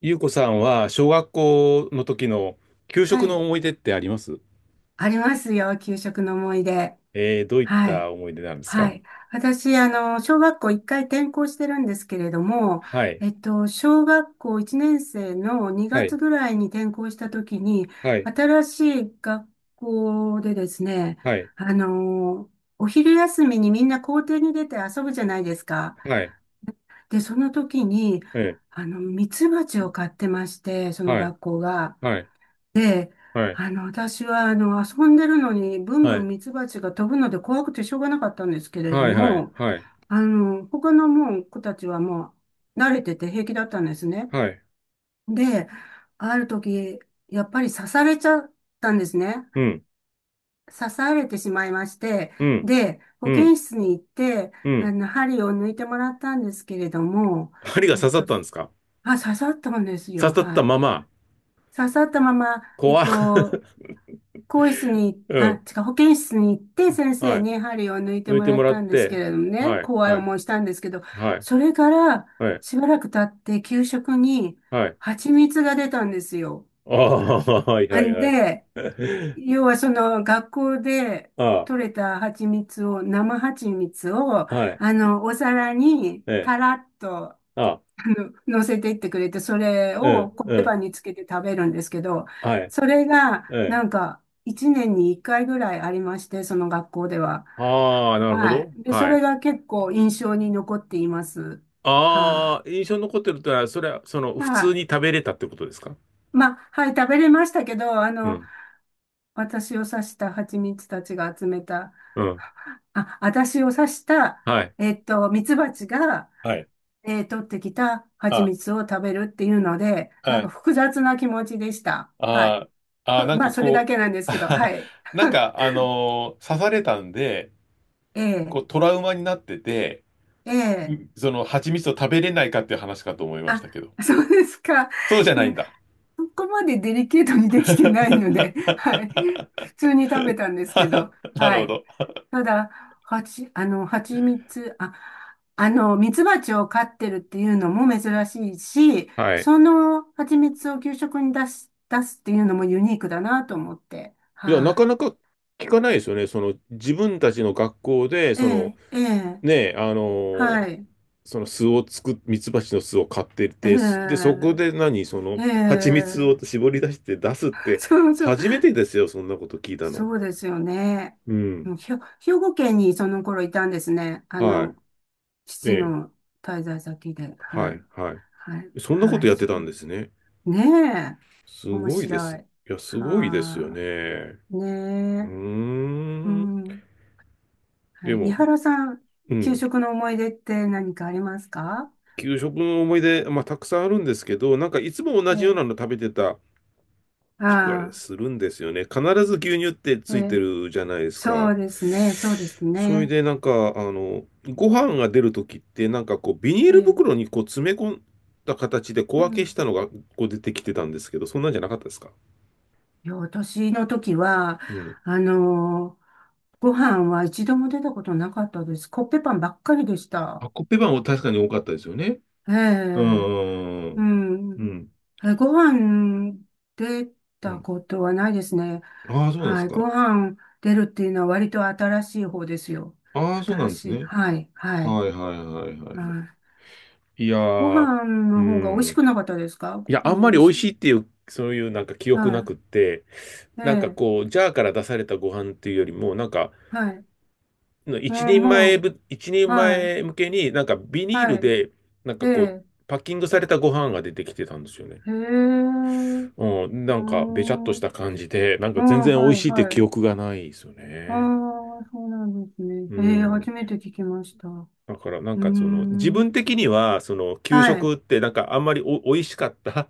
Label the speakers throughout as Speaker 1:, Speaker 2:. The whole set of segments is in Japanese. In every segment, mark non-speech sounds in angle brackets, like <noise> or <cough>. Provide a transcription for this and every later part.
Speaker 1: ゆうこさんは小学校の時の給
Speaker 2: は
Speaker 1: 食の
Speaker 2: い。
Speaker 1: 思い出ってあります？
Speaker 2: ありますよ。給食の思い出。
Speaker 1: どういっ
Speaker 2: は
Speaker 1: た
Speaker 2: い。
Speaker 1: 思い出なんです
Speaker 2: は
Speaker 1: か？
Speaker 2: い。私、小学校一回転校してるんですけれども、
Speaker 1: はい。
Speaker 2: 小学校1年生の
Speaker 1: は
Speaker 2: 2月
Speaker 1: い。
Speaker 2: ぐらいに転校した時に、
Speaker 1: はい。
Speaker 2: 新しい学校でですね、
Speaker 1: はい。
Speaker 2: あの、お昼休みにみんな校庭に出て遊ぶじゃないですか。
Speaker 1: はい。
Speaker 2: で、その時に、
Speaker 1: え
Speaker 2: ミツバチを飼ってまして、その
Speaker 1: はい。
Speaker 2: 学校が。
Speaker 1: はい。
Speaker 2: で、
Speaker 1: はい。
Speaker 2: 私は、遊んでるのに、ブン
Speaker 1: は
Speaker 2: ブ
Speaker 1: い。
Speaker 2: ンミツバチが飛ぶので怖くてしょうがなかったんですけれど
Speaker 1: はい。はい。
Speaker 2: も、
Speaker 1: はい。
Speaker 2: 他のもう子たちはもう慣れてて平気だったんですね。
Speaker 1: はい。
Speaker 2: で、ある時、やっぱり刺されちゃったんですね。
Speaker 1: うん。
Speaker 2: 刺されてしまいまして、
Speaker 1: うん。
Speaker 2: で、
Speaker 1: う
Speaker 2: 保健
Speaker 1: ん。
Speaker 2: 室に行って、
Speaker 1: うん。
Speaker 2: 針を抜いてもらったんですけれども、
Speaker 1: 針が
Speaker 2: えっ
Speaker 1: 刺さっ
Speaker 2: と、
Speaker 1: たんですか？
Speaker 2: あ、刺さったんですよ。
Speaker 1: 刺さっ
Speaker 2: は
Speaker 1: た
Speaker 2: い。
Speaker 1: まま、
Speaker 2: 刺さったまま、
Speaker 1: 怖っ。
Speaker 2: 更衣室に、
Speaker 1: <laughs> う
Speaker 2: あ、
Speaker 1: ん。
Speaker 2: 違う、保健室に行って先生
Speaker 1: はい。
Speaker 2: に針を抜いて
Speaker 1: 抜い
Speaker 2: も
Speaker 1: て
Speaker 2: ら
Speaker 1: も
Speaker 2: っ
Speaker 1: ら
Speaker 2: た
Speaker 1: っ
Speaker 2: んです
Speaker 1: て、
Speaker 2: けれどもね、
Speaker 1: はい。
Speaker 2: 怖い
Speaker 1: はい。
Speaker 2: 思いしたんですけど、
Speaker 1: はい。
Speaker 2: それから
Speaker 1: はい。
Speaker 2: しばらく経って給食に
Speaker 1: はい。
Speaker 2: 蜂蜜が出たんですよ。
Speaker 1: ああ、はい。はい。
Speaker 2: ん
Speaker 1: はい。
Speaker 2: で、
Speaker 1: <laughs>
Speaker 2: 要はその学校で
Speaker 1: あ
Speaker 2: 取れた蜂蜜を、生蜂蜜を、
Speaker 1: あ、はい。
Speaker 2: お皿に
Speaker 1: ええ。
Speaker 2: たらっと
Speaker 1: あ、
Speaker 2: 乗せていってくれて、それ
Speaker 1: う
Speaker 2: を
Speaker 1: ん、
Speaker 2: コッ
Speaker 1: う
Speaker 2: ペパ
Speaker 1: ん、
Speaker 2: ンにつけて食べるんですけど、
Speaker 1: はい、
Speaker 2: それが
Speaker 1: うん。
Speaker 2: なんか1年に1回ぐらいありまして、その学校では。
Speaker 1: ああ、なるほ
Speaker 2: は
Speaker 1: ど。
Speaker 2: い。で、そ
Speaker 1: は
Speaker 2: れ
Speaker 1: い。
Speaker 2: が結構印象に残っています。は
Speaker 1: ああ、印象に残ってるってのは、それは、その、
Speaker 2: い。
Speaker 1: 普
Speaker 2: は
Speaker 1: 通に
Speaker 2: い。
Speaker 1: 食べれたってことですか？
Speaker 2: まあ、はい、食べれましたけど、
Speaker 1: うん。
Speaker 2: 私を刺した蜂蜜たちが集めた、
Speaker 1: うん。
Speaker 2: あ、私を刺した、
Speaker 1: はい。
Speaker 2: 蜜蜂が、
Speaker 1: はい。
Speaker 2: 取ってきた蜂
Speaker 1: あ、
Speaker 2: 蜜を食べるっていうので、な
Speaker 1: は
Speaker 2: んか
Speaker 1: い。
Speaker 2: 複雑な気持ちでした。はい。
Speaker 1: あーあー、
Speaker 2: <laughs>
Speaker 1: なん
Speaker 2: まあ、
Speaker 1: か
Speaker 2: それだ
Speaker 1: こ
Speaker 2: けなんですけど、はい。
Speaker 1: う、<laughs> なん
Speaker 2: <laughs>
Speaker 1: か、刺されたんで、
Speaker 2: ええ、
Speaker 1: こう、トラウマになってて、
Speaker 2: ええ。
Speaker 1: その、蜂蜜を食べれないかっていう話かと思いまし
Speaker 2: あ、
Speaker 1: たけど。
Speaker 2: そうですか。
Speaker 1: そうじゃ
Speaker 2: い
Speaker 1: ないん
Speaker 2: や、
Speaker 1: だ。
Speaker 2: そこまでデリケートにできてないので、<laughs> はい。普通に食べたんですけど、
Speaker 1: <laughs> なる
Speaker 2: は
Speaker 1: ほ
Speaker 2: い。
Speaker 1: ど。
Speaker 2: ただ、はち、蜂蜜、あ、蜜蜂を飼ってるっていうのも珍しいし、
Speaker 1: はい。
Speaker 2: その蜂蜜を給食に出す、出すっていうのもユニークだなと思って。
Speaker 1: いや、な
Speaker 2: は
Speaker 1: かなか聞かないですよね。その自分たちの学校で、
Speaker 2: い、え
Speaker 1: その
Speaker 2: え、ええ、
Speaker 1: ね、
Speaker 2: はい。
Speaker 1: その巣を作っ、ミツバチの巣を買って
Speaker 2: え
Speaker 1: て、で、そこ
Speaker 2: え、
Speaker 1: で何、その
Speaker 2: え
Speaker 1: 蜂蜜を
Speaker 2: え。
Speaker 1: 絞り出して出すっ
Speaker 2: <laughs>
Speaker 1: て、
Speaker 2: そうそう。
Speaker 1: 初めてですよ、そんなこと聞いたの。
Speaker 2: そうですよね。
Speaker 1: う
Speaker 2: う
Speaker 1: ん。
Speaker 2: んひょ、兵庫県にその頃いたんですね。
Speaker 1: はい。え
Speaker 2: 父
Speaker 1: え。
Speaker 2: の滞在先で。
Speaker 1: は
Speaker 2: は
Speaker 1: い。
Speaker 2: い。
Speaker 1: は
Speaker 2: はい。
Speaker 1: い。そんなこ
Speaker 2: は
Speaker 1: と
Speaker 2: い。
Speaker 1: やって
Speaker 2: そこ。
Speaker 1: たんですね。
Speaker 2: ねえ。
Speaker 1: す
Speaker 2: 面
Speaker 1: ごいで
Speaker 2: 白
Speaker 1: す。い
Speaker 2: い。
Speaker 1: や、すごいですよ
Speaker 2: は
Speaker 1: ね。
Speaker 2: あ。ね
Speaker 1: う
Speaker 2: え。
Speaker 1: ー
Speaker 2: う
Speaker 1: ん。
Speaker 2: ん。
Speaker 1: で
Speaker 2: はい。井
Speaker 1: も、
Speaker 2: 原さん、
Speaker 1: う
Speaker 2: 給
Speaker 1: ん。
Speaker 2: 食の思い出って何かありますか？
Speaker 1: 給食の思い出、まあ、たくさんあるんですけど、なんかいつも同
Speaker 2: え
Speaker 1: じような
Speaker 2: え。
Speaker 1: の食べてた気が
Speaker 2: あ
Speaker 1: するんですよね。必ず牛乳ってつ
Speaker 2: あ。え
Speaker 1: いて
Speaker 2: え。
Speaker 1: るじゃないです
Speaker 2: そ
Speaker 1: か。
Speaker 2: うですね。そうです
Speaker 1: それ
Speaker 2: ね。
Speaker 1: でなんか、あの、ご飯が出るときって、なんかこう、ビニー
Speaker 2: え
Speaker 1: ル袋
Speaker 2: え。
Speaker 1: にこう詰め込んだ形で小
Speaker 2: う
Speaker 1: 分けし
Speaker 2: ん。
Speaker 1: たのがこう出てきてたんですけど、そんなんじゃなかったですか？
Speaker 2: いや、私の時は、
Speaker 1: うん。
Speaker 2: あのーご飯は一度も出たことなかったです。コッペパンばっかりでした。
Speaker 1: あ、コッペパンは確かに多かったですよね。
Speaker 2: え
Speaker 1: う
Speaker 2: え、
Speaker 1: ん。う
Speaker 2: う
Speaker 1: ん。う
Speaker 2: ん。
Speaker 1: ん。
Speaker 2: えご飯出
Speaker 1: う
Speaker 2: た
Speaker 1: ん。
Speaker 2: ことはないですね。
Speaker 1: ああ、そうなんで
Speaker 2: は
Speaker 1: す
Speaker 2: い。ご
Speaker 1: か。
Speaker 2: 飯出るっていうのは割と新しい方ですよ。
Speaker 1: ああ、そうな
Speaker 2: 新
Speaker 1: んです
Speaker 2: しい。
Speaker 1: ね。
Speaker 2: はい。はい。
Speaker 1: はいはいはいはいはい。
Speaker 2: はい。
Speaker 1: いや
Speaker 2: ご
Speaker 1: ー、
Speaker 2: 飯
Speaker 1: う
Speaker 2: の方が美味
Speaker 1: ん。
Speaker 2: しくなかったですか？ご
Speaker 1: いや、あ
Speaker 2: 飯
Speaker 1: んま
Speaker 2: 美
Speaker 1: り
Speaker 2: 味
Speaker 1: 美味
Speaker 2: し
Speaker 1: し
Speaker 2: い。
Speaker 1: いっていう、そういうなんか記憶な
Speaker 2: は
Speaker 1: くって、
Speaker 2: い。え
Speaker 1: なんか
Speaker 2: え、
Speaker 1: こう、ジャーから出されたご飯っていうよりも、なんか、
Speaker 2: はい。うん、も
Speaker 1: 一
Speaker 2: う、
Speaker 1: 人
Speaker 2: はい。
Speaker 1: 前向けになんかビニール
Speaker 2: は
Speaker 1: で、なん
Speaker 2: い。
Speaker 1: かこう、
Speaker 2: ええ、
Speaker 1: パッキングされたご飯が出てきてたんですよね。
Speaker 2: へえ、う
Speaker 1: うん、な
Speaker 2: ー
Speaker 1: んかべちゃっと
Speaker 2: ん。
Speaker 1: した感じで、なん
Speaker 2: あ
Speaker 1: か全
Speaker 2: あ、
Speaker 1: 然美味
Speaker 2: は
Speaker 1: し
Speaker 2: い、
Speaker 1: いって
Speaker 2: は
Speaker 1: 記
Speaker 2: い。
Speaker 1: 憶がないですよ
Speaker 2: あ
Speaker 1: ね。
Speaker 2: あ、そうなんですね。
Speaker 1: う
Speaker 2: へえ、
Speaker 1: ん。
Speaker 2: 初めて聞きました。う
Speaker 1: だからなん
Speaker 2: ー
Speaker 1: かその、自
Speaker 2: ん。
Speaker 1: 分的には、その、給
Speaker 2: はい。
Speaker 1: 食ってなんかあんまり美味しかった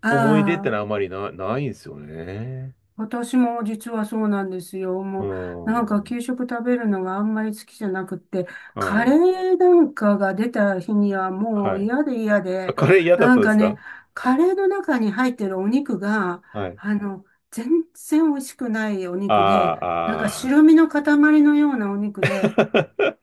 Speaker 2: あ
Speaker 1: 思い出ってのはあ
Speaker 2: あ。
Speaker 1: まりないんですよね。
Speaker 2: 私も実はそうなんですよ。
Speaker 1: う
Speaker 2: もう、なんか
Speaker 1: ん。
Speaker 2: 給食食べるのがあんまり好きじゃなくって、
Speaker 1: は
Speaker 2: カ
Speaker 1: い。
Speaker 2: レーなんかが出た日にはも
Speaker 1: は
Speaker 2: う
Speaker 1: い。
Speaker 2: 嫌で嫌
Speaker 1: あ、
Speaker 2: で、
Speaker 1: カレー嫌だっ
Speaker 2: な
Speaker 1: た
Speaker 2: ん
Speaker 1: んで
Speaker 2: か
Speaker 1: す
Speaker 2: ね、
Speaker 1: か？
Speaker 2: カレーの中に入ってるお肉が、
Speaker 1: はい。
Speaker 2: あの、全然美味しくないお
Speaker 1: あ
Speaker 2: 肉で、なんか
Speaker 1: ー
Speaker 2: 白身の塊のようなお肉
Speaker 1: あ
Speaker 2: で、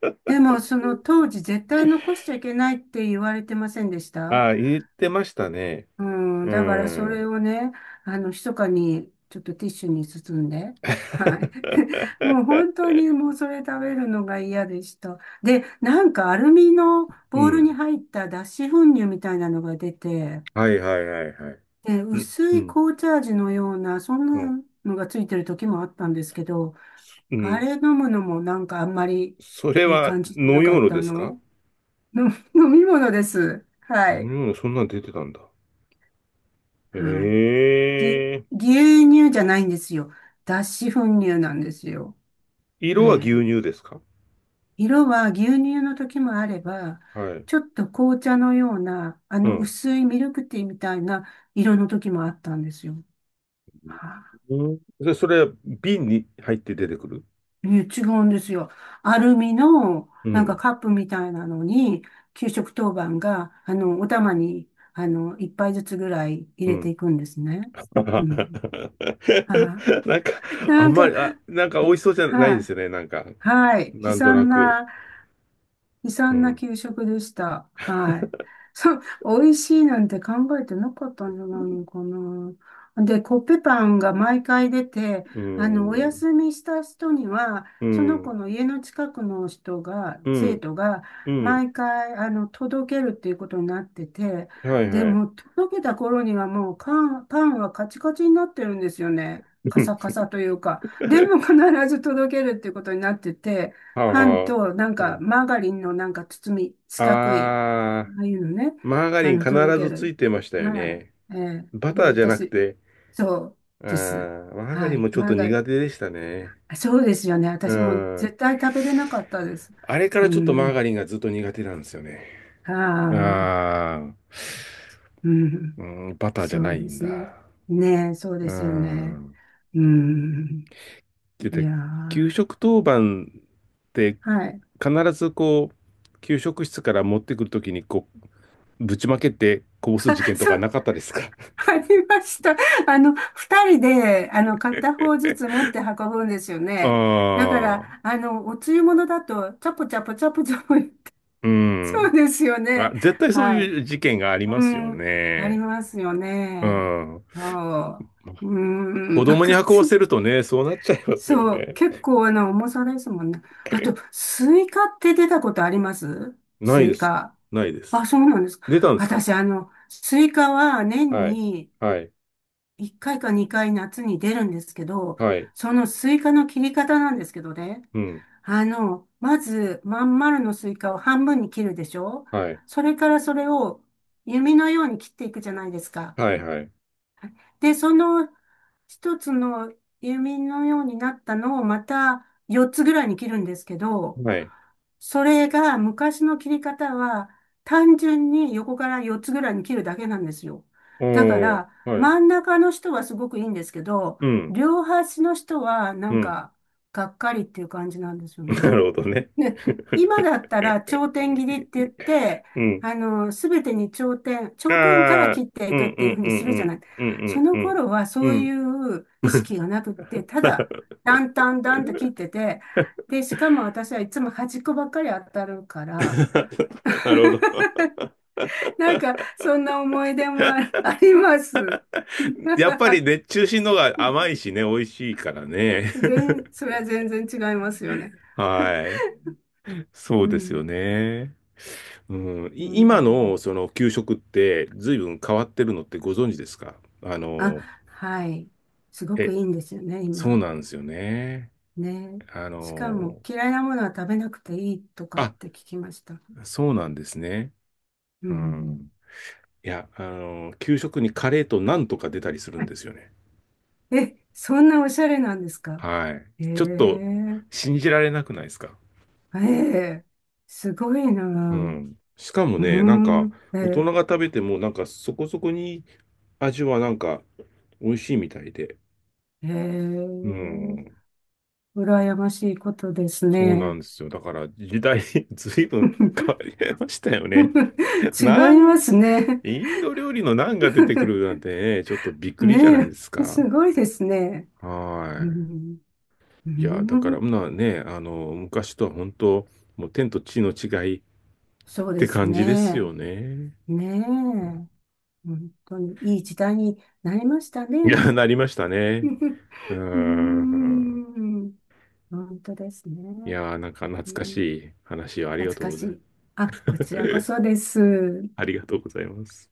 Speaker 1: ー。
Speaker 2: でもその当時絶対残しちゃいけないって言われてませんでし
Speaker 1: <laughs>
Speaker 2: た？
Speaker 1: ああ、言ってましたね。
Speaker 2: うん、
Speaker 1: う
Speaker 2: だからそれ
Speaker 1: ん。
Speaker 2: をね、密かにちょっとティッシュに包んで、はい。<laughs> もう本当
Speaker 1: <laughs>
Speaker 2: にもうそれ食べるのが嫌でした。で、なんかアルミの
Speaker 1: う
Speaker 2: ボウルに
Speaker 1: ん。
Speaker 2: 入った脱脂粉乳みたいなのが出て、
Speaker 1: はいはいはいはい。
Speaker 2: で、
Speaker 1: うん、
Speaker 2: 薄
Speaker 1: う
Speaker 2: い
Speaker 1: ん、
Speaker 2: 紅茶味のような、そん
Speaker 1: うん。
Speaker 2: なのがついてる時もあったんですけど、
Speaker 1: う
Speaker 2: あ
Speaker 1: ん。
Speaker 2: れ飲むのもなんかあんまり
Speaker 1: それ
Speaker 2: いい
Speaker 1: は、
Speaker 2: 感じじゃな
Speaker 1: ノ
Speaker 2: か
Speaker 1: 用
Speaker 2: っ
Speaker 1: 炉
Speaker 2: た
Speaker 1: ですか？
Speaker 2: の。の飲み物です。は
Speaker 1: ノ
Speaker 2: い。
Speaker 1: 用炉そんなん出てたんだ。
Speaker 2: はい。ぎ、
Speaker 1: ええ。
Speaker 2: 牛乳じゃないんですよ。脱脂粉乳なんですよ。
Speaker 1: 色
Speaker 2: は
Speaker 1: は牛
Speaker 2: い。
Speaker 1: 乳ですか？
Speaker 2: 色は牛乳の時もあれば、
Speaker 1: はい。
Speaker 2: ちょっと紅茶のような、あ
Speaker 1: う
Speaker 2: の
Speaker 1: ん。
Speaker 2: 薄いミルクティーみたいな色の時もあったんですよ。は
Speaker 1: うん。で、それ、瓶に入って出てくる。
Speaker 2: い、いや違うんですよ。アルミの
Speaker 1: う
Speaker 2: なんか
Speaker 1: ん。
Speaker 2: カップみたいなのに、給食当番が、お玉に、一杯ずつぐらい入
Speaker 1: う
Speaker 2: れて
Speaker 1: ん。
Speaker 2: いくんですね。うん。はい、
Speaker 1: <laughs> なんか、あ
Speaker 2: な
Speaker 1: ん
Speaker 2: ん
Speaker 1: ま
Speaker 2: か、
Speaker 1: り、あ、なんか美味しそうじゃない
Speaker 2: は
Speaker 1: で
Speaker 2: い。
Speaker 1: すよね。なんか、
Speaker 2: はい。悲
Speaker 1: なんとな
Speaker 2: 惨
Speaker 1: く。
Speaker 2: な悲
Speaker 1: う
Speaker 2: 惨な
Speaker 1: ん。
Speaker 2: 給食でした。はい。そう、美味しいなんて考えてなかったんじゃないのかな。で、コッペパンが毎回出て、
Speaker 1: う
Speaker 2: お
Speaker 1: ん。
Speaker 2: 休みした人には、
Speaker 1: う
Speaker 2: その子
Speaker 1: ん。
Speaker 2: の家の近くの人が、
Speaker 1: う
Speaker 2: 生
Speaker 1: ん。
Speaker 2: 徒が、
Speaker 1: うん。
Speaker 2: 毎回、届けるっていうことになってて、
Speaker 1: はい
Speaker 2: で
Speaker 1: はい。
Speaker 2: も、届けた頃にはもう、パン、パンはカチカチになってるんですよね。
Speaker 1: う
Speaker 2: カ
Speaker 1: ん。
Speaker 2: サカサというか。でも
Speaker 1: <laughs>
Speaker 2: 必ず届けるっていうことになってて、パン
Speaker 1: は
Speaker 2: と、なん
Speaker 1: あ。う
Speaker 2: か、
Speaker 1: ん。
Speaker 2: マーガリンのなんか包み、四角い、
Speaker 1: あー、
Speaker 2: ああいうのね、
Speaker 1: マーガリン必
Speaker 2: 届け
Speaker 1: ずつ
Speaker 2: る。
Speaker 1: いてましたよ
Speaker 2: はい。
Speaker 1: ね。
Speaker 2: ええ、
Speaker 1: バタ
Speaker 2: もう
Speaker 1: ーじゃなく
Speaker 2: 私、
Speaker 1: て、
Speaker 2: そう
Speaker 1: あ
Speaker 2: です。
Speaker 1: ー、マーガ
Speaker 2: は
Speaker 1: リンも
Speaker 2: い。
Speaker 1: ちょっ
Speaker 2: マ
Speaker 1: と
Speaker 2: ーガリ
Speaker 1: 苦
Speaker 2: ン。
Speaker 1: 手でしたね。
Speaker 2: あ、そうですよね。
Speaker 1: う
Speaker 2: 私も
Speaker 1: ん。
Speaker 2: 絶対食べれなかったです。
Speaker 1: あれか
Speaker 2: う
Speaker 1: らちょっとマーガ
Speaker 2: ん。
Speaker 1: リンがずっと苦手なんですよね。
Speaker 2: ああ、
Speaker 1: ああ、
Speaker 2: う
Speaker 1: う
Speaker 2: ん。
Speaker 1: ん、バターじゃ
Speaker 2: そ
Speaker 1: な
Speaker 2: う
Speaker 1: い
Speaker 2: で
Speaker 1: ん
Speaker 2: すね。
Speaker 1: だ。
Speaker 2: ねえ、そうで
Speaker 1: う
Speaker 2: すよね。
Speaker 1: ん。
Speaker 2: うん。い
Speaker 1: で、
Speaker 2: や
Speaker 1: 給
Speaker 2: ー。
Speaker 1: 食当番って
Speaker 2: はい。
Speaker 1: 必ずこう、給食室から持ってくるときにこう、ぶちまけてこぼす事
Speaker 2: <laughs>
Speaker 1: 件と
Speaker 2: そ
Speaker 1: か
Speaker 2: う
Speaker 1: なかったですか？
Speaker 2: ありました。二人で、片方ずつ持って運ぶんですよ
Speaker 1: <laughs>
Speaker 2: ね。だか
Speaker 1: ああ、
Speaker 2: ら、おつゆものだと、チャポチャポチャポチャポ、
Speaker 1: う
Speaker 2: <laughs> そう
Speaker 1: ん。
Speaker 2: ですよ
Speaker 1: あ、
Speaker 2: ね。
Speaker 1: 絶対そう
Speaker 2: はい。
Speaker 1: いう事件がありま
Speaker 2: う
Speaker 1: すよ
Speaker 2: ん、あり
Speaker 1: ね。
Speaker 2: ますよ
Speaker 1: う
Speaker 2: ね。
Speaker 1: ん。
Speaker 2: そう。う
Speaker 1: 子
Speaker 2: ん、なん
Speaker 1: 供に
Speaker 2: か、
Speaker 1: 運ばせるとね、そうなっちゃいますよ
Speaker 2: そう、
Speaker 1: ね。
Speaker 2: 結構、重さですもんね。あと、
Speaker 1: <laughs>
Speaker 2: スイカって出たことあります？
Speaker 1: な
Speaker 2: ス
Speaker 1: い
Speaker 2: イ
Speaker 1: です。
Speaker 2: カ。
Speaker 1: ないです。
Speaker 2: あ、そうなんですか。
Speaker 1: 出たんですか？
Speaker 2: 私、スイカは年
Speaker 1: はい。
Speaker 2: に、
Speaker 1: はい。
Speaker 2: 1回か2回夏に出るんですけど、
Speaker 1: はい。
Speaker 2: そのスイカの切り方なんですけどね。
Speaker 1: うん。
Speaker 2: まず、まん丸のスイカを半分に切るでしょ？
Speaker 1: はい。
Speaker 2: それからそれを弓のように切っていくじゃないですか。
Speaker 1: はいはい。
Speaker 2: で、その一つの弓のようになったのをまた4つぐらいに切るんですけど、
Speaker 1: はい。
Speaker 2: それが昔の切り方は単純に横から4つぐらいに切るだけなんですよ。
Speaker 1: お
Speaker 2: だか
Speaker 1: ー、
Speaker 2: ら
Speaker 1: はい。
Speaker 2: 真ん中の人はすごくいいんですけど、
Speaker 1: うん、
Speaker 2: 両端の人はな
Speaker 1: う
Speaker 2: ん
Speaker 1: ん。
Speaker 2: かがっかりっていう感じなんですよ
Speaker 1: <laughs> な
Speaker 2: ね。
Speaker 1: るほどね。
Speaker 2: ね、今だっ
Speaker 1: <laughs>
Speaker 2: たら頂点切りって言って、
Speaker 1: うん。
Speaker 2: すべてに頂点、頂点から
Speaker 1: ああ、
Speaker 2: 切って
Speaker 1: う
Speaker 2: いくっ
Speaker 1: んう
Speaker 2: ていう
Speaker 1: ん
Speaker 2: ふう
Speaker 1: う
Speaker 2: に
Speaker 1: ん
Speaker 2: するじ
Speaker 1: う
Speaker 2: ゃ
Speaker 1: ん。
Speaker 2: ない。
Speaker 1: う
Speaker 2: そ
Speaker 1: ん
Speaker 2: の
Speaker 1: うん
Speaker 2: 頃は
Speaker 1: う
Speaker 2: そ
Speaker 1: ん。う
Speaker 2: うい
Speaker 1: ん。
Speaker 2: う意
Speaker 1: <laughs>
Speaker 2: 識がなくって、ただ、だんだんだんと切ってて、で、しかも私はいつも端っこばっかり当たるから、
Speaker 1: なるほど。
Speaker 2: <laughs> なんか、そんな思い出もああります。
Speaker 1: <laughs> やっぱり
Speaker 2: <laughs>
Speaker 1: 熱中しのが甘いしね、美味しいからね。
Speaker 2: 全、それは全然違いますよね。
Speaker 1: <laughs>
Speaker 2: <laughs>
Speaker 1: はい。そ
Speaker 2: う
Speaker 1: うですよ
Speaker 2: ん。
Speaker 1: ね。うん、
Speaker 2: う
Speaker 1: 今
Speaker 2: ん。
Speaker 1: のその給食って随分変わってるのってご存知ですか？あの、
Speaker 2: あ、はい。すごくい
Speaker 1: え、
Speaker 2: いんですよね、
Speaker 1: そう
Speaker 2: 今。
Speaker 1: なんですよね。
Speaker 2: ね。
Speaker 1: あ
Speaker 2: しかも
Speaker 1: の、
Speaker 2: 嫌いなものは食べなくていいとかっ
Speaker 1: あ、
Speaker 2: て聞きました。
Speaker 1: そうなんですね。
Speaker 2: う
Speaker 1: う
Speaker 2: ん。
Speaker 1: ん。いや、あの、給食にカレーとなんとか出たりするんですよね。
Speaker 2: え、そんなおしゃれなんですか？
Speaker 1: はい。
Speaker 2: え
Speaker 1: ちょっと
Speaker 2: え、
Speaker 1: 信じられなくないですか。
Speaker 2: ええ、すごいな
Speaker 1: う
Speaker 2: ぁ。
Speaker 1: ん。しかも
Speaker 2: う
Speaker 1: ね、なんか、
Speaker 2: ん。え
Speaker 1: 大人
Speaker 2: え、
Speaker 1: が食べても、なんかそこそこに味はなんか美味しいみたいで。
Speaker 2: え
Speaker 1: う
Speaker 2: え、
Speaker 1: ん。
Speaker 2: 羨ましいことです
Speaker 1: そうな
Speaker 2: ね。
Speaker 1: んですよ。だから時代 <laughs> ずいぶん <laughs> 変わりましたよ
Speaker 2: <laughs>
Speaker 1: ね。<laughs>
Speaker 2: 違い
Speaker 1: な
Speaker 2: ま
Speaker 1: ん、
Speaker 2: すね。
Speaker 1: インド料理のナンが出てくるなんてね、ちょっとびっ
Speaker 2: <laughs>
Speaker 1: くりじゃないで
Speaker 2: ね
Speaker 1: す
Speaker 2: え、す
Speaker 1: か。
Speaker 2: ごいですね。
Speaker 1: は
Speaker 2: う
Speaker 1: い。
Speaker 2: ん、う
Speaker 1: いや、だから、
Speaker 2: ん、
Speaker 1: まあね、あの、昔とは本当、もう天と地の違いっ
Speaker 2: そうで
Speaker 1: て
Speaker 2: す
Speaker 1: 感じです
Speaker 2: ね。
Speaker 1: よね。
Speaker 2: ねえ。
Speaker 1: うん。
Speaker 2: 本当にいい時代になりました
Speaker 1: いや、
Speaker 2: ね。
Speaker 1: なりましたね。
Speaker 2: <laughs>
Speaker 1: うー
Speaker 2: うー
Speaker 1: ん。
Speaker 2: ん、本当ですね。
Speaker 1: いや、なんか懐
Speaker 2: え
Speaker 1: かし
Speaker 2: ー
Speaker 1: い話をありが
Speaker 2: 懐
Speaker 1: とう
Speaker 2: か
Speaker 1: ご
Speaker 2: し
Speaker 1: ざいま
Speaker 2: い。あ、こちらこ
Speaker 1: す。
Speaker 2: そ
Speaker 1: <laughs>
Speaker 2: です。
Speaker 1: ありがとうございます。